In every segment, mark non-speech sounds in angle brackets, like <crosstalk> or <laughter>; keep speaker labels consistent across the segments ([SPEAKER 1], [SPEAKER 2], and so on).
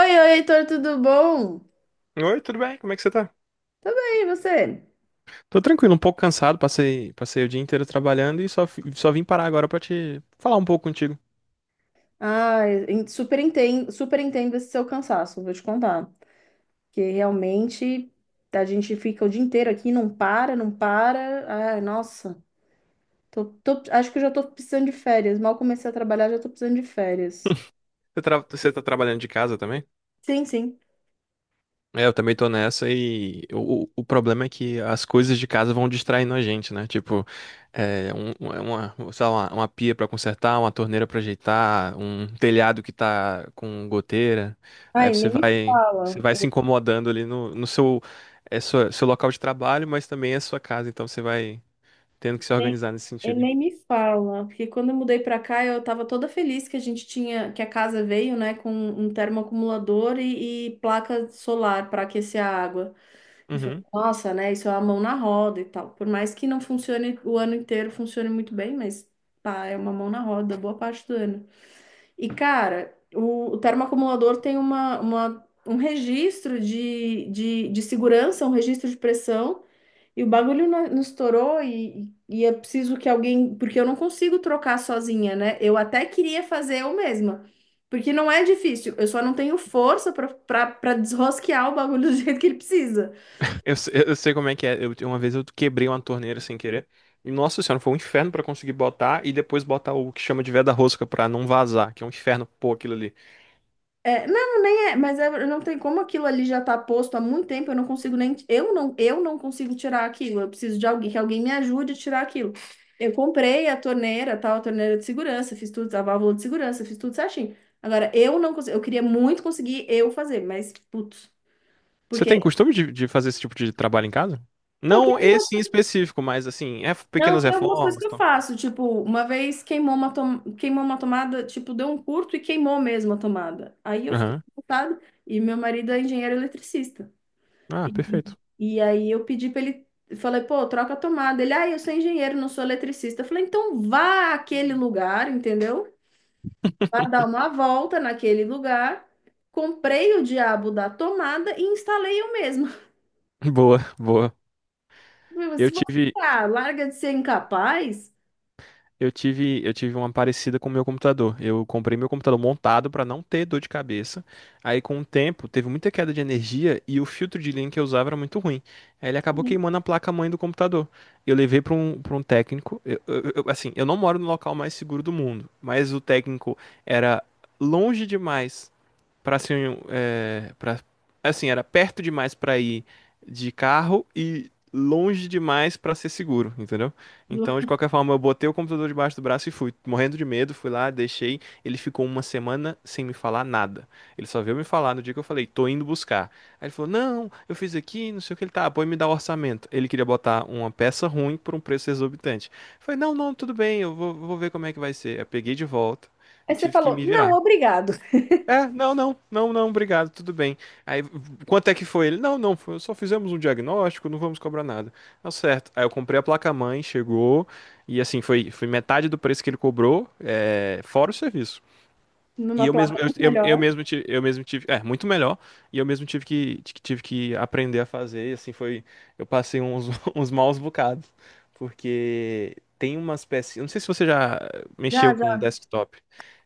[SPEAKER 1] Oi, oi, Heitor, tudo bom?
[SPEAKER 2] Oi, tudo bem? Como é que você tá?
[SPEAKER 1] Tudo bem, e você?
[SPEAKER 2] Tô tranquilo, um pouco cansado, passei o dia inteiro trabalhando e só vim parar agora pra te falar um pouco contigo.
[SPEAKER 1] Ai, super entendo esse seu cansaço, vou te contar. Que realmente a gente fica o dia inteiro aqui, não para, não para. Ai, nossa, acho que eu já tô precisando de férias. Mal comecei a trabalhar, já tô precisando de férias.
[SPEAKER 2] Você tá trabalhando de casa também?
[SPEAKER 1] Sim, sim.
[SPEAKER 2] É, eu também tô nessa e o problema é que as coisas de casa vão distraindo a gente, né? Tipo, é uma, sei lá, uma pia pra consertar, uma torneira pra ajeitar, um telhado que tá com goteira. Aí
[SPEAKER 1] Ai,
[SPEAKER 2] você
[SPEAKER 1] nem me
[SPEAKER 2] vai, você
[SPEAKER 1] fala.
[SPEAKER 2] vai se incomodando ali no seu, seu local de trabalho, mas também é sua casa, então você vai, tendo que se organizar nesse
[SPEAKER 1] E
[SPEAKER 2] sentido.
[SPEAKER 1] nem me fala, porque quando eu mudei pra cá, eu tava toda feliz que a gente tinha, que a casa veio, né, com um termoacumulador e placa solar para aquecer a água. E falei,
[SPEAKER 2] Uhum.
[SPEAKER 1] nossa, né, isso é a mão na roda e tal. Por mais que não funcione o ano inteiro, funcione muito bem, mas pá, é uma mão na roda boa parte do ano. E cara, o termoacumulador tem um registro de segurança, um registro de pressão. E o bagulho não, não estourou e é preciso que alguém, porque eu não consigo trocar sozinha, né? Eu até queria fazer eu mesma, porque não é difícil, eu só não tenho força para desrosquear o bagulho do <laughs> jeito que ele precisa.
[SPEAKER 2] Eu, se- eu sei como é que é. Uma vez eu quebrei uma torneira sem querer. E, nossa senhora, foi um inferno pra conseguir botar e depois botar o que chama de veda rosca pra não vazar, que é um inferno pôr aquilo ali.
[SPEAKER 1] É, não, nem é, mas não tem como aquilo ali já tá posto há muito tempo, eu não consigo nem, eu não consigo tirar aquilo, eu preciso de alguém, que alguém me ajude a tirar aquilo. Eu comprei a torneira, tal, a torneira de segurança, fiz tudo, a válvula de segurança, fiz tudo certinho. Agora, eu não consigo, eu queria muito conseguir eu fazer, mas, putz,
[SPEAKER 2] Você
[SPEAKER 1] porque,
[SPEAKER 2] tem costume de fazer esse tipo de trabalho em casa?
[SPEAKER 1] pô, tem
[SPEAKER 2] Não
[SPEAKER 1] algumas,
[SPEAKER 2] esse em específico, mas assim, é
[SPEAKER 1] não,
[SPEAKER 2] pequenas
[SPEAKER 1] tem algumas coisas
[SPEAKER 2] reformas,
[SPEAKER 1] que
[SPEAKER 2] e
[SPEAKER 1] eu
[SPEAKER 2] tal.
[SPEAKER 1] faço, tipo, uma vez queimou uma, tom, queimou uma tomada, tipo, deu um curto e queimou mesmo a tomada. Aí eu fiquei
[SPEAKER 2] Aham.
[SPEAKER 1] revoltada, e meu marido é engenheiro eletricista.
[SPEAKER 2] Ah,
[SPEAKER 1] E,
[SPEAKER 2] perfeito.
[SPEAKER 1] e aí eu pedi para ele, falei, pô, troca a tomada. Ele, ah, eu sou engenheiro, não sou eletricista. Eu falei, então vá àquele lugar, entendeu? Vá dar uma volta naquele lugar. Comprei o diabo da tomada e instalei eu mesma.
[SPEAKER 2] <laughs> Boa, boa.
[SPEAKER 1] <laughs>
[SPEAKER 2] Eu
[SPEAKER 1] Se você
[SPEAKER 2] tive,
[SPEAKER 1] ah, larga de ser incapaz.
[SPEAKER 2] eu tive uma parecida com o meu computador. Eu comprei meu computador montado para não ter dor de cabeça. Aí, com o tempo, teve muita queda de energia e o filtro de linha que eu usava era muito ruim. Aí ele acabou
[SPEAKER 1] Uhum.
[SPEAKER 2] queimando a placa-mãe do computador. Eu levei para um técnico. Assim, eu não moro no local mais seguro do mundo, mas o técnico era longe demais. Pra assim, um, é, pra, assim, Era perto demais pra ir de carro e longe demais pra ser seguro, entendeu? Então, de qualquer forma, eu botei o computador debaixo do braço e fui, morrendo de medo, fui lá, deixei. Ele ficou uma semana sem me falar nada. Ele só veio me falar no dia que eu falei: "Tô indo buscar". Aí ele falou: "Não, eu fiz aqui, não sei o que ele tá". Pô, me dá o orçamento. Ele queria botar uma peça ruim por um preço exorbitante. Eu falei: "Não, não, tudo bem, eu vou, ver como é que vai ser". Eu peguei de volta
[SPEAKER 1] Aí
[SPEAKER 2] e
[SPEAKER 1] você
[SPEAKER 2] tive que
[SPEAKER 1] falou,
[SPEAKER 2] me
[SPEAKER 1] não,
[SPEAKER 2] virar.
[SPEAKER 1] obrigado.
[SPEAKER 2] É, não, não, não, não, obrigado, tudo bem. Aí, quanto é que foi ele? Não, não, só fizemos um diagnóstico, não vamos cobrar nada. Tá certo. Aí eu comprei a placa-mãe, chegou, e assim, foi metade do preço que ele cobrou, é, fora o serviço. E
[SPEAKER 1] Numa
[SPEAKER 2] eu
[SPEAKER 1] placa
[SPEAKER 2] mesmo, eu,
[SPEAKER 1] muito melhor.
[SPEAKER 2] eu mesmo tive muito melhor, e eu mesmo tive que, tive que aprender a fazer, e assim, foi, eu passei uns, <laughs> uns maus bocados, porque tem umas peças, eu não sei se você já
[SPEAKER 1] Já,
[SPEAKER 2] mexeu com
[SPEAKER 1] já,
[SPEAKER 2] desktop,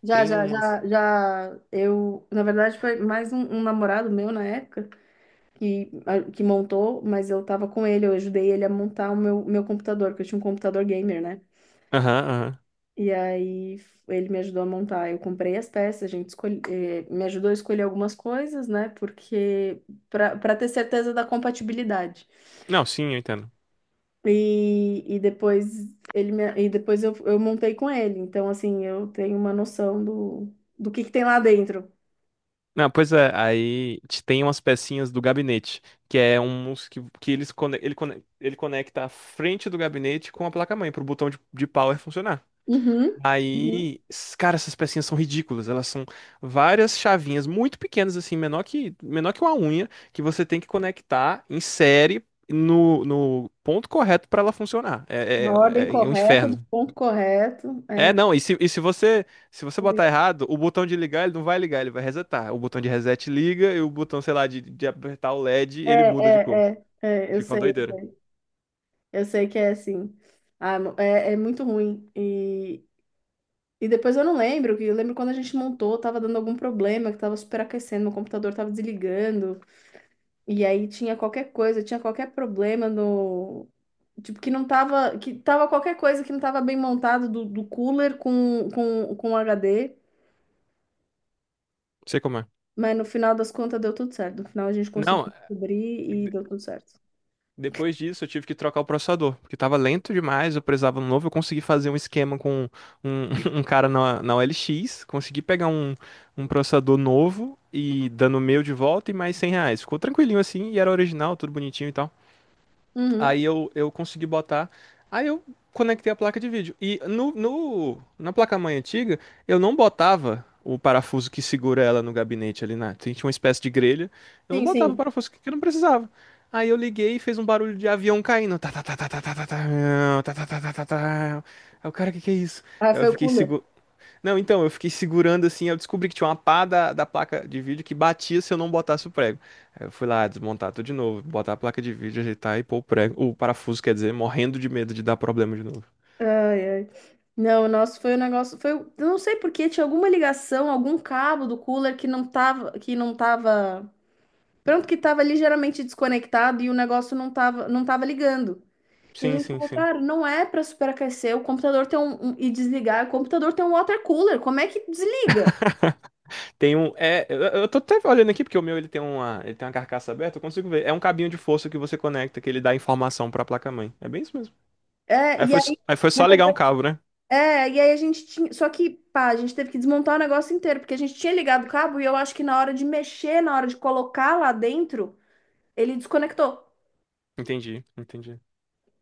[SPEAKER 1] já,
[SPEAKER 2] tem
[SPEAKER 1] já,
[SPEAKER 2] umas.
[SPEAKER 1] já, já. Eu, na verdade, foi mais um namorado meu na época. Que, que montou, mas eu tava com ele, eu ajudei ele a montar o meu, meu computador, porque eu tinha um computador gamer, né?
[SPEAKER 2] Aham, aham.
[SPEAKER 1] E aí ele me ajudou a montar. Eu comprei as peças, a gente escolhe, eh, me ajudou a escolher algumas coisas, né? Porque para ter certeza da compatibilidade.
[SPEAKER 2] Não, sim, eu entendo.
[SPEAKER 1] E depois eu montei com ele. Então, assim, eu tenho uma noção do, do que tem lá dentro.
[SPEAKER 2] Não, pois é, tem umas pecinhas do gabinete, que é um uns que ele conecta a frente do gabinete com a placa-mãe, pro botão de power funcionar.
[SPEAKER 1] Uhum, uhum.
[SPEAKER 2] Aí, cara, essas pecinhas são ridículas. Elas são várias chavinhas muito pequenas, assim, menor que uma unha, que você tem que conectar em série no ponto correto para ela funcionar.
[SPEAKER 1] Na
[SPEAKER 2] É,
[SPEAKER 1] ordem
[SPEAKER 2] é, é é um
[SPEAKER 1] correta, do
[SPEAKER 2] inferno.
[SPEAKER 1] ponto correto.
[SPEAKER 2] É,
[SPEAKER 1] É.
[SPEAKER 2] não, e se você botar errado, o botão de ligar, ele não vai ligar, ele vai resetar. O botão de reset liga e o botão, sei lá, de apertar o LED,
[SPEAKER 1] É,
[SPEAKER 2] ele muda de cor.
[SPEAKER 1] é, é, é, eu
[SPEAKER 2] Fica uma
[SPEAKER 1] sei, eu
[SPEAKER 2] doideira. Não
[SPEAKER 1] sei, eu sei que é assim. Ah, é, é muito ruim. E depois eu não lembro, que eu lembro quando a gente montou, tava dando algum problema, que tava superaquecendo, meu computador tava desligando, e aí tinha qualquer coisa, tinha qualquer problema no. Tipo, que não tava. Que tava qualquer coisa que não tava bem montado do, do cooler com HD,
[SPEAKER 2] sei como é.
[SPEAKER 1] mas no final das contas deu tudo certo. No final a gente conseguiu
[SPEAKER 2] Não,
[SPEAKER 1] descobrir e deu tudo certo.
[SPEAKER 2] Depois disso, eu tive que trocar o processador, porque tava lento demais, eu precisava de um novo. Eu consegui fazer um esquema com um, <laughs> um cara na, OLX, consegui pegar um processador novo e dando o meu de volta e mais 100 reais. Ficou tranquilinho assim, e era original, tudo bonitinho e tal.
[SPEAKER 1] Uhum.
[SPEAKER 2] Aí eu consegui botar. Aí eu conectei a placa de vídeo. E na placa-mãe antiga, eu não botava o parafuso que segura ela no gabinete ali na. Tinha uma espécie de grelha. Eu não
[SPEAKER 1] Sim,
[SPEAKER 2] botava o
[SPEAKER 1] sim.
[SPEAKER 2] parafuso que eu não precisava. Aí eu liguei e fez um barulho de avião caindo. Tá, tá, tá, tá, tá, tá, tá, tá, tá, tá, tá, tá, tá, tá, tá, tá. Aí o cara, o que que é isso?
[SPEAKER 1] Ah,
[SPEAKER 2] Aí eu
[SPEAKER 1] foi o
[SPEAKER 2] fiquei
[SPEAKER 1] cooler.
[SPEAKER 2] seguro. Não, então, eu fiquei segurando assim, eu descobri que tinha uma pá da placa de vídeo que batia se eu não botasse o prego. Aí eu fui lá desmontar tudo de novo, botar a placa de vídeo, ajeitar e pôr o prego, o parafuso, quer dizer, morrendo de medo de dar problema de novo.
[SPEAKER 1] Ai, ai. Não, o nosso foi um negócio, foi, eu não sei por quê, tinha alguma ligação, algum cabo do cooler que não tava, pronto, que tava ligeiramente desconectado e o negócio não tava, não tava ligando. E a
[SPEAKER 2] Sim,
[SPEAKER 1] gente
[SPEAKER 2] sim,
[SPEAKER 1] falou,
[SPEAKER 2] sim.
[SPEAKER 1] cara, não é para superaquecer, o computador tem um, e desligar, o computador tem um water cooler, como é que desliga?
[SPEAKER 2] Tem um, é, eu tô até olhando aqui porque o meu ele tem uma carcaça aberta, eu consigo ver. É um cabinho de força que você conecta que ele dá informação pra placa-mãe. É bem isso mesmo.
[SPEAKER 1] É,
[SPEAKER 2] Aí
[SPEAKER 1] e
[SPEAKER 2] foi, s-
[SPEAKER 1] aí,
[SPEAKER 2] aí foi só ligar um cabo, né?
[SPEAKER 1] é, e aí a gente tinha, só que, pá, a gente teve que desmontar o negócio inteiro, porque a gente tinha ligado o cabo e eu acho que na hora de mexer, na hora de colocar lá dentro, ele desconectou.
[SPEAKER 2] Entendi, entendi.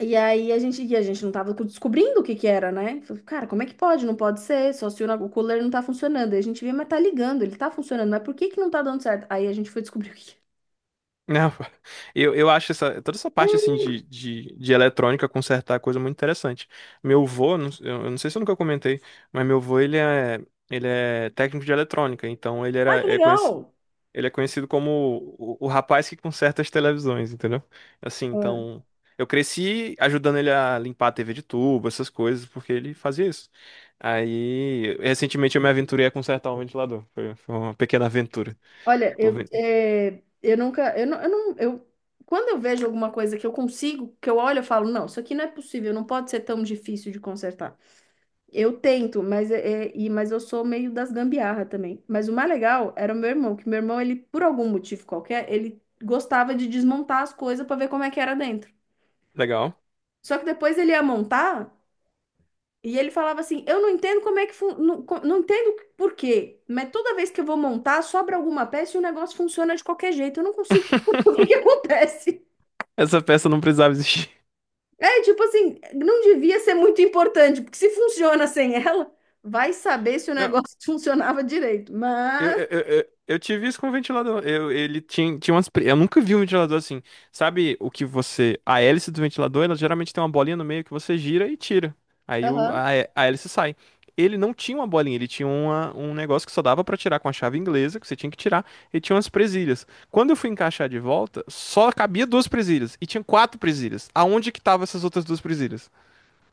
[SPEAKER 1] E aí a gente, e a gente não tava descobrindo o que que era, né? Falei, cara, como é que pode? Não pode ser, só se o, o cooler não tá funcionando. Aí a gente vê, mas tá ligando, ele tá funcionando, mas por que que não tá dando certo? Aí a gente foi descobrir o que que
[SPEAKER 2] Não, eu acho essa, toda essa
[SPEAKER 1] é.
[SPEAKER 2] parte
[SPEAKER 1] <laughs>
[SPEAKER 2] assim de eletrônica consertar é coisa muito interessante. Meu avô, eu não sei se eu nunca comentei, mas meu avô ele é, técnico de eletrônica, então ele
[SPEAKER 1] Ah,
[SPEAKER 2] era,
[SPEAKER 1] que
[SPEAKER 2] é conhecido,
[SPEAKER 1] legal!
[SPEAKER 2] ele é conhecido como o rapaz que conserta as televisões, entendeu? Assim,
[SPEAKER 1] É.
[SPEAKER 2] então eu cresci ajudando ele a limpar a TV de tubo, essas coisas, porque ele fazia isso. Aí, recentemente eu me aventurei a consertar um ventilador. Foi uma pequena aventura.
[SPEAKER 1] Olha,
[SPEAKER 2] Tô
[SPEAKER 1] eu,
[SPEAKER 2] vendo.
[SPEAKER 1] é, eu nunca, eu não, eu não, eu, quando eu vejo alguma coisa que eu consigo, que eu olho, eu falo, não, isso aqui não é possível, não pode ser tão difícil de consertar. Eu tento, mas, é, e, mas eu sou meio das gambiarra também. Mas o mais legal era o meu irmão, que meu irmão, ele, por algum motivo qualquer, ele gostava de desmontar as coisas para ver como é que era dentro.
[SPEAKER 2] Legal.
[SPEAKER 1] Só que depois ele ia montar e ele falava assim: eu não entendo como é que não, não entendo por quê, mas toda vez que eu vou montar, sobra alguma peça e o negócio funciona de qualquer jeito. Eu não consigo. <laughs> O que que
[SPEAKER 2] <laughs>
[SPEAKER 1] acontece?
[SPEAKER 2] Essa peça não precisava existir.
[SPEAKER 1] É tipo assim, não devia ser muito importante, porque se funciona sem ela, vai saber se o
[SPEAKER 2] Não,
[SPEAKER 1] negócio <laughs> funcionava direito.
[SPEAKER 2] eu,
[SPEAKER 1] Mas.
[SPEAKER 2] eu, eu, eu eu tive isso com o ventilador. Ele tinha umas. Eu nunca vi um ventilador assim. Sabe o que você. A hélice do ventilador, ela geralmente tem uma bolinha no meio que você gira e tira. Aí o,
[SPEAKER 1] Aham.
[SPEAKER 2] a, hé- a hélice sai. Ele não tinha uma bolinha, ele tinha uma, um negócio que só dava pra tirar com a chave inglesa, que você tinha que tirar, e tinha umas presilhas. Quando eu fui encaixar de volta, só cabia duas presilhas, e tinha quatro presilhas. Aonde que estavam essas outras duas presilhas?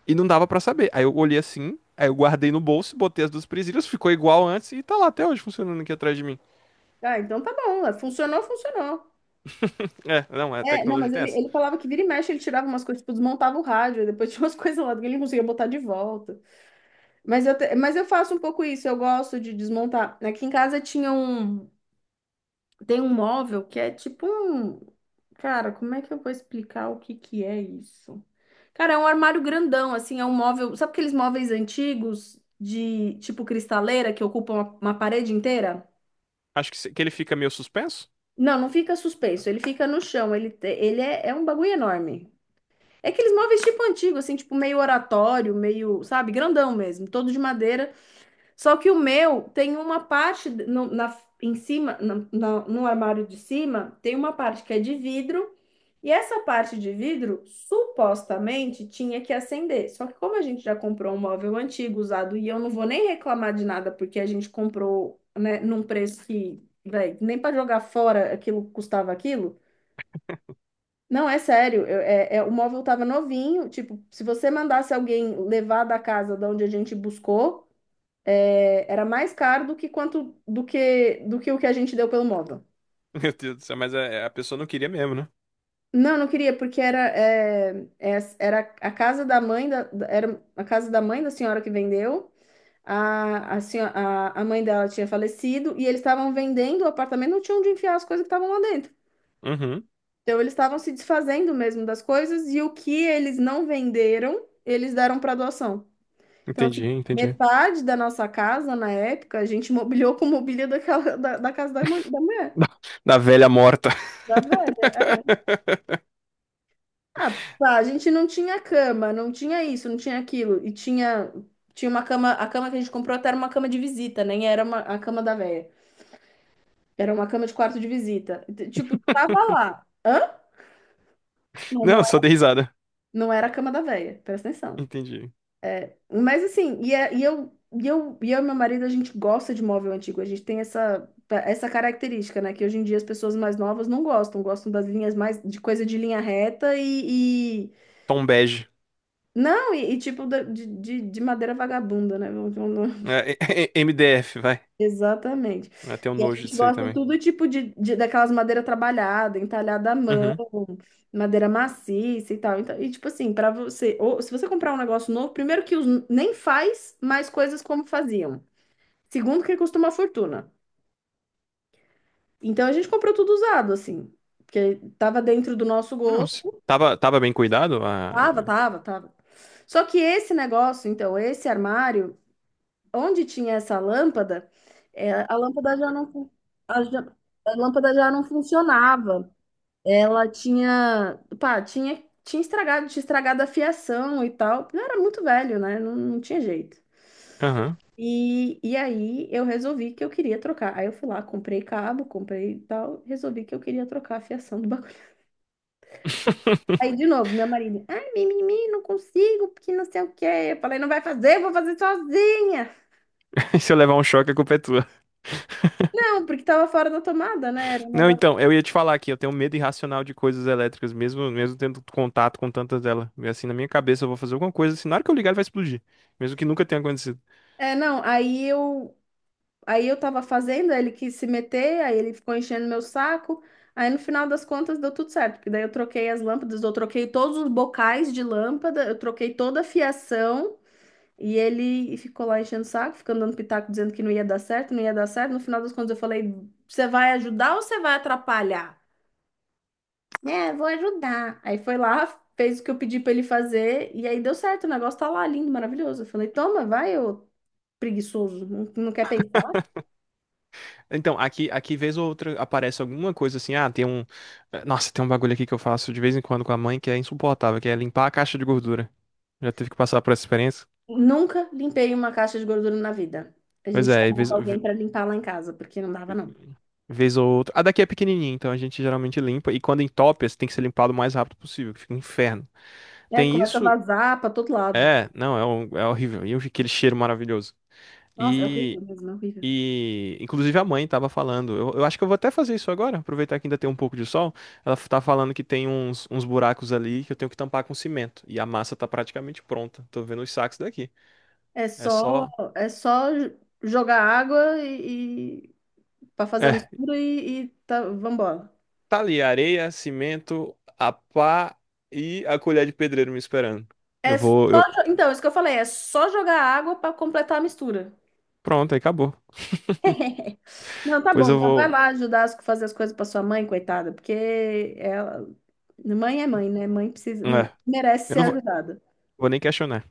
[SPEAKER 2] E não dava pra saber. Aí eu olhei assim, aí eu guardei no bolso, botei as duas presilhas, ficou igual antes e tá lá até hoje funcionando aqui atrás de mim.
[SPEAKER 1] Ah, então tá bom. É, funcionou, funcionou.
[SPEAKER 2] É, não, é, a
[SPEAKER 1] É, não,
[SPEAKER 2] tecnologia
[SPEAKER 1] mas
[SPEAKER 2] tem
[SPEAKER 1] ele,
[SPEAKER 2] essa.
[SPEAKER 1] ele falava que vira e mexe, ele tirava umas coisas, tipo, desmontava o rádio, aí depois tinha umas <laughs> coisas lá que ele não conseguia botar de volta. Mas eu, mas eu faço um pouco isso, eu gosto de desmontar. Aqui em casa tinha um, tem um móvel que é tipo um, cara, como é que eu vou explicar o que que é isso? Cara, é um armário grandão, assim, é um móvel, sabe aqueles móveis antigos de tipo cristaleira que ocupam uma parede inteira?
[SPEAKER 2] Acho que, se- que ele fica meio suspenso.
[SPEAKER 1] Não, não fica suspenso, ele fica no chão, ele, ele é, é um bagulho enorme. É aqueles móveis tipo antigo, assim, tipo meio oratório, meio, sabe, grandão mesmo, todo de madeira. Só que o meu tem uma parte na, em cima, no armário de cima, tem uma parte que é de vidro, e essa parte de vidro supostamente tinha que acender. Só que como a gente já comprou um móvel antigo, usado, e eu não vou nem reclamar de nada, porque a gente comprou, né, num preço que, véi, nem para jogar fora aquilo custava aquilo. Não, é sério, é, o móvel tava novinho, tipo, se você mandasse alguém levar da casa de onde a gente buscou, é, era mais caro do que quanto do que o que a gente deu pelo móvel.
[SPEAKER 2] <laughs> Meu Deus do céu, mas a pessoa não queria mesmo, né?
[SPEAKER 1] Não, não queria, porque era, é, é, era a casa da mãe da, era a casa da mãe da senhora que vendeu. A, a mãe dela tinha falecido e eles estavam vendendo o apartamento, não tinham onde enfiar as coisas que estavam lá dentro.
[SPEAKER 2] Uhum,
[SPEAKER 1] Então eles estavam se desfazendo mesmo das coisas e o que eles não venderam, eles deram para doação. Então, assim,
[SPEAKER 2] entendi, entendi. <laughs>
[SPEAKER 1] metade da nossa casa na época, a gente <laughs> mobiliou com mobília daquela, da, da casa da, da mulher,
[SPEAKER 2] Da, da velha morta.
[SPEAKER 1] da velha.
[SPEAKER 2] <laughs>
[SPEAKER 1] Ah, pá, a gente não tinha cama, não tinha isso, não tinha aquilo. E tinha, tinha uma cama, a cama que a gente comprou até era uma cama de visita, nem era uma, a cama da véia. Era uma cama de quarto de visita. Tipo, tava lá. Hã? Não, não
[SPEAKER 2] Não, só
[SPEAKER 1] era,
[SPEAKER 2] dei risada.
[SPEAKER 1] não era a cama da véia, presta atenção.
[SPEAKER 2] Entendi.
[SPEAKER 1] É, mas assim, e, e eu, e eu, e eu e meu marido, a gente gosta de móvel antigo, a gente tem essa, essa característica, né? Que hoje em dia as pessoas mais novas não gostam, gostam das linhas mais, de coisa de linha reta.
[SPEAKER 2] Tom bege.
[SPEAKER 1] Não, e tipo de madeira vagabunda, né? <laughs>
[SPEAKER 2] É, é, é, MDF, <laughs> vai.
[SPEAKER 1] Exatamente.
[SPEAKER 2] Até um
[SPEAKER 1] E a
[SPEAKER 2] nojo
[SPEAKER 1] gente
[SPEAKER 2] disso aí
[SPEAKER 1] gosta
[SPEAKER 2] também.
[SPEAKER 1] tudo tipo de, daquelas madeira trabalhada, entalhada à mão,
[SPEAKER 2] Uhum.
[SPEAKER 1] madeira maciça e tal. Então, e tipo assim, para você, ou se você comprar um negócio novo, primeiro que nem faz mais coisas como faziam. Segundo que custa uma fortuna. Então a gente comprou tudo usado, assim, porque tava dentro do nosso
[SPEAKER 2] Não,
[SPEAKER 1] gosto.
[SPEAKER 2] tava bem cuidado? Ah,
[SPEAKER 1] Tava,
[SPEAKER 2] é.
[SPEAKER 1] tava, tava. Só que esse negócio, então, esse armário onde tinha essa lâmpada, é, a lâmpada já não, a, a lâmpada já não funcionava. Ela tinha, pá, tinha, tinha estragado a fiação e tal. Eu era muito velho, né? Não, não tinha jeito.
[SPEAKER 2] Aham.
[SPEAKER 1] E aí eu resolvi que eu queria trocar. Aí eu fui lá, comprei cabo, comprei e tal, resolvi que eu queria trocar a fiação do <laughs> bagulho.
[SPEAKER 2] <laughs>
[SPEAKER 1] Aí de novo, meu marido, ai, mimimi, não consigo, porque não sei o quê. Eu falei, não vai fazer, eu vou fazer sozinha.
[SPEAKER 2] <laughs> Se eu levar um choque, a culpa é tua.
[SPEAKER 1] Não, porque tava fora da tomada, né? Era um
[SPEAKER 2] Não,
[SPEAKER 1] negócio.
[SPEAKER 2] então, eu ia te falar aqui, eu tenho medo irracional de coisas elétricas, mesmo, mesmo tendo contato com tantas delas. E assim, na minha cabeça, eu vou fazer alguma coisa, assim, na hora que eu ligar, ele vai explodir. Mesmo que nunca tenha acontecido.
[SPEAKER 1] É, não, aí eu tava fazendo, aí ele quis se meter, aí ele ficou enchendo meu saco. Aí no final das contas deu tudo certo, porque daí eu troquei as lâmpadas, eu troquei todos os bocais de lâmpada, eu troquei toda a fiação e ele ficou lá enchendo o saco, ficando dando pitaco dizendo que não ia dar certo, não ia dar certo. No final das contas eu falei: "Você vai ajudar ou você vai atrapalhar?" É, vou ajudar. Aí foi lá, fez o que eu pedi pra ele fazer e aí deu certo, o negócio tá lá lindo, maravilhoso. Eu falei: "Toma, vai, ô preguiçoso, não, não quer pensar."
[SPEAKER 2] Então, aqui, vez ou outra, aparece alguma coisa assim, ah, tem um. Nossa, tem um bagulho aqui que eu faço de vez em quando com a mãe que é insuportável, que é limpar a caixa de gordura. Já teve que passar por essa experiência?
[SPEAKER 1] Nunca limpei uma caixa de gordura na vida. A
[SPEAKER 2] Pois
[SPEAKER 1] gente
[SPEAKER 2] é, e vez,
[SPEAKER 1] chamava
[SPEAKER 2] ve-
[SPEAKER 1] alguém para limpar lá em casa, porque não dava, não.
[SPEAKER 2] vez ou outra. A daqui é pequenininha, então a gente geralmente limpa. E quando entope, assim, tem que ser limpado o mais rápido possível, que fica um inferno.
[SPEAKER 1] É,
[SPEAKER 2] Tem
[SPEAKER 1] começa a
[SPEAKER 2] isso.
[SPEAKER 1] vazar para todo lado.
[SPEAKER 2] É, não, é horrível. E eu vi aquele cheiro maravilhoso.
[SPEAKER 1] Nossa, é horrível
[SPEAKER 2] E,
[SPEAKER 1] mesmo, é horrível.
[SPEAKER 2] e inclusive a mãe tava falando. Eu acho que eu vou até fazer isso agora, aproveitar que ainda tem um pouco de sol. Ela tá falando que tem uns, buracos ali que eu tenho que tampar com cimento. E a massa tá praticamente pronta. Tô vendo os sacos daqui.
[SPEAKER 1] É
[SPEAKER 2] É
[SPEAKER 1] só,
[SPEAKER 2] só.
[SPEAKER 1] é só jogar água e para fazer a
[SPEAKER 2] É,
[SPEAKER 1] mistura e tá, vambora.
[SPEAKER 2] tá ali, areia, cimento, a pá e a colher de pedreiro me esperando. Eu
[SPEAKER 1] É só,
[SPEAKER 2] vou. Eu...
[SPEAKER 1] então, isso que eu falei, é só jogar água para completar a mistura.
[SPEAKER 2] Pronto, aí acabou.
[SPEAKER 1] <laughs> Não, tá
[SPEAKER 2] Pois
[SPEAKER 1] bom,
[SPEAKER 2] eu
[SPEAKER 1] então vai
[SPEAKER 2] vou.
[SPEAKER 1] lá ajudar a fazer as coisas para sua mãe, coitada, porque ela, mãe é mãe, né? Mãe precisa,
[SPEAKER 2] É,
[SPEAKER 1] merece
[SPEAKER 2] eu
[SPEAKER 1] ser
[SPEAKER 2] não vou,
[SPEAKER 1] ajudada.
[SPEAKER 2] vou nem questionar.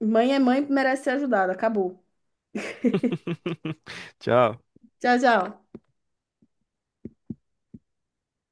[SPEAKER 1] Mãe é mãe, merece ser ajudada. Acabou.
[SPEAKER 2] <laughs> Tchau.
[SPEAKER 1] Tchau, tchau.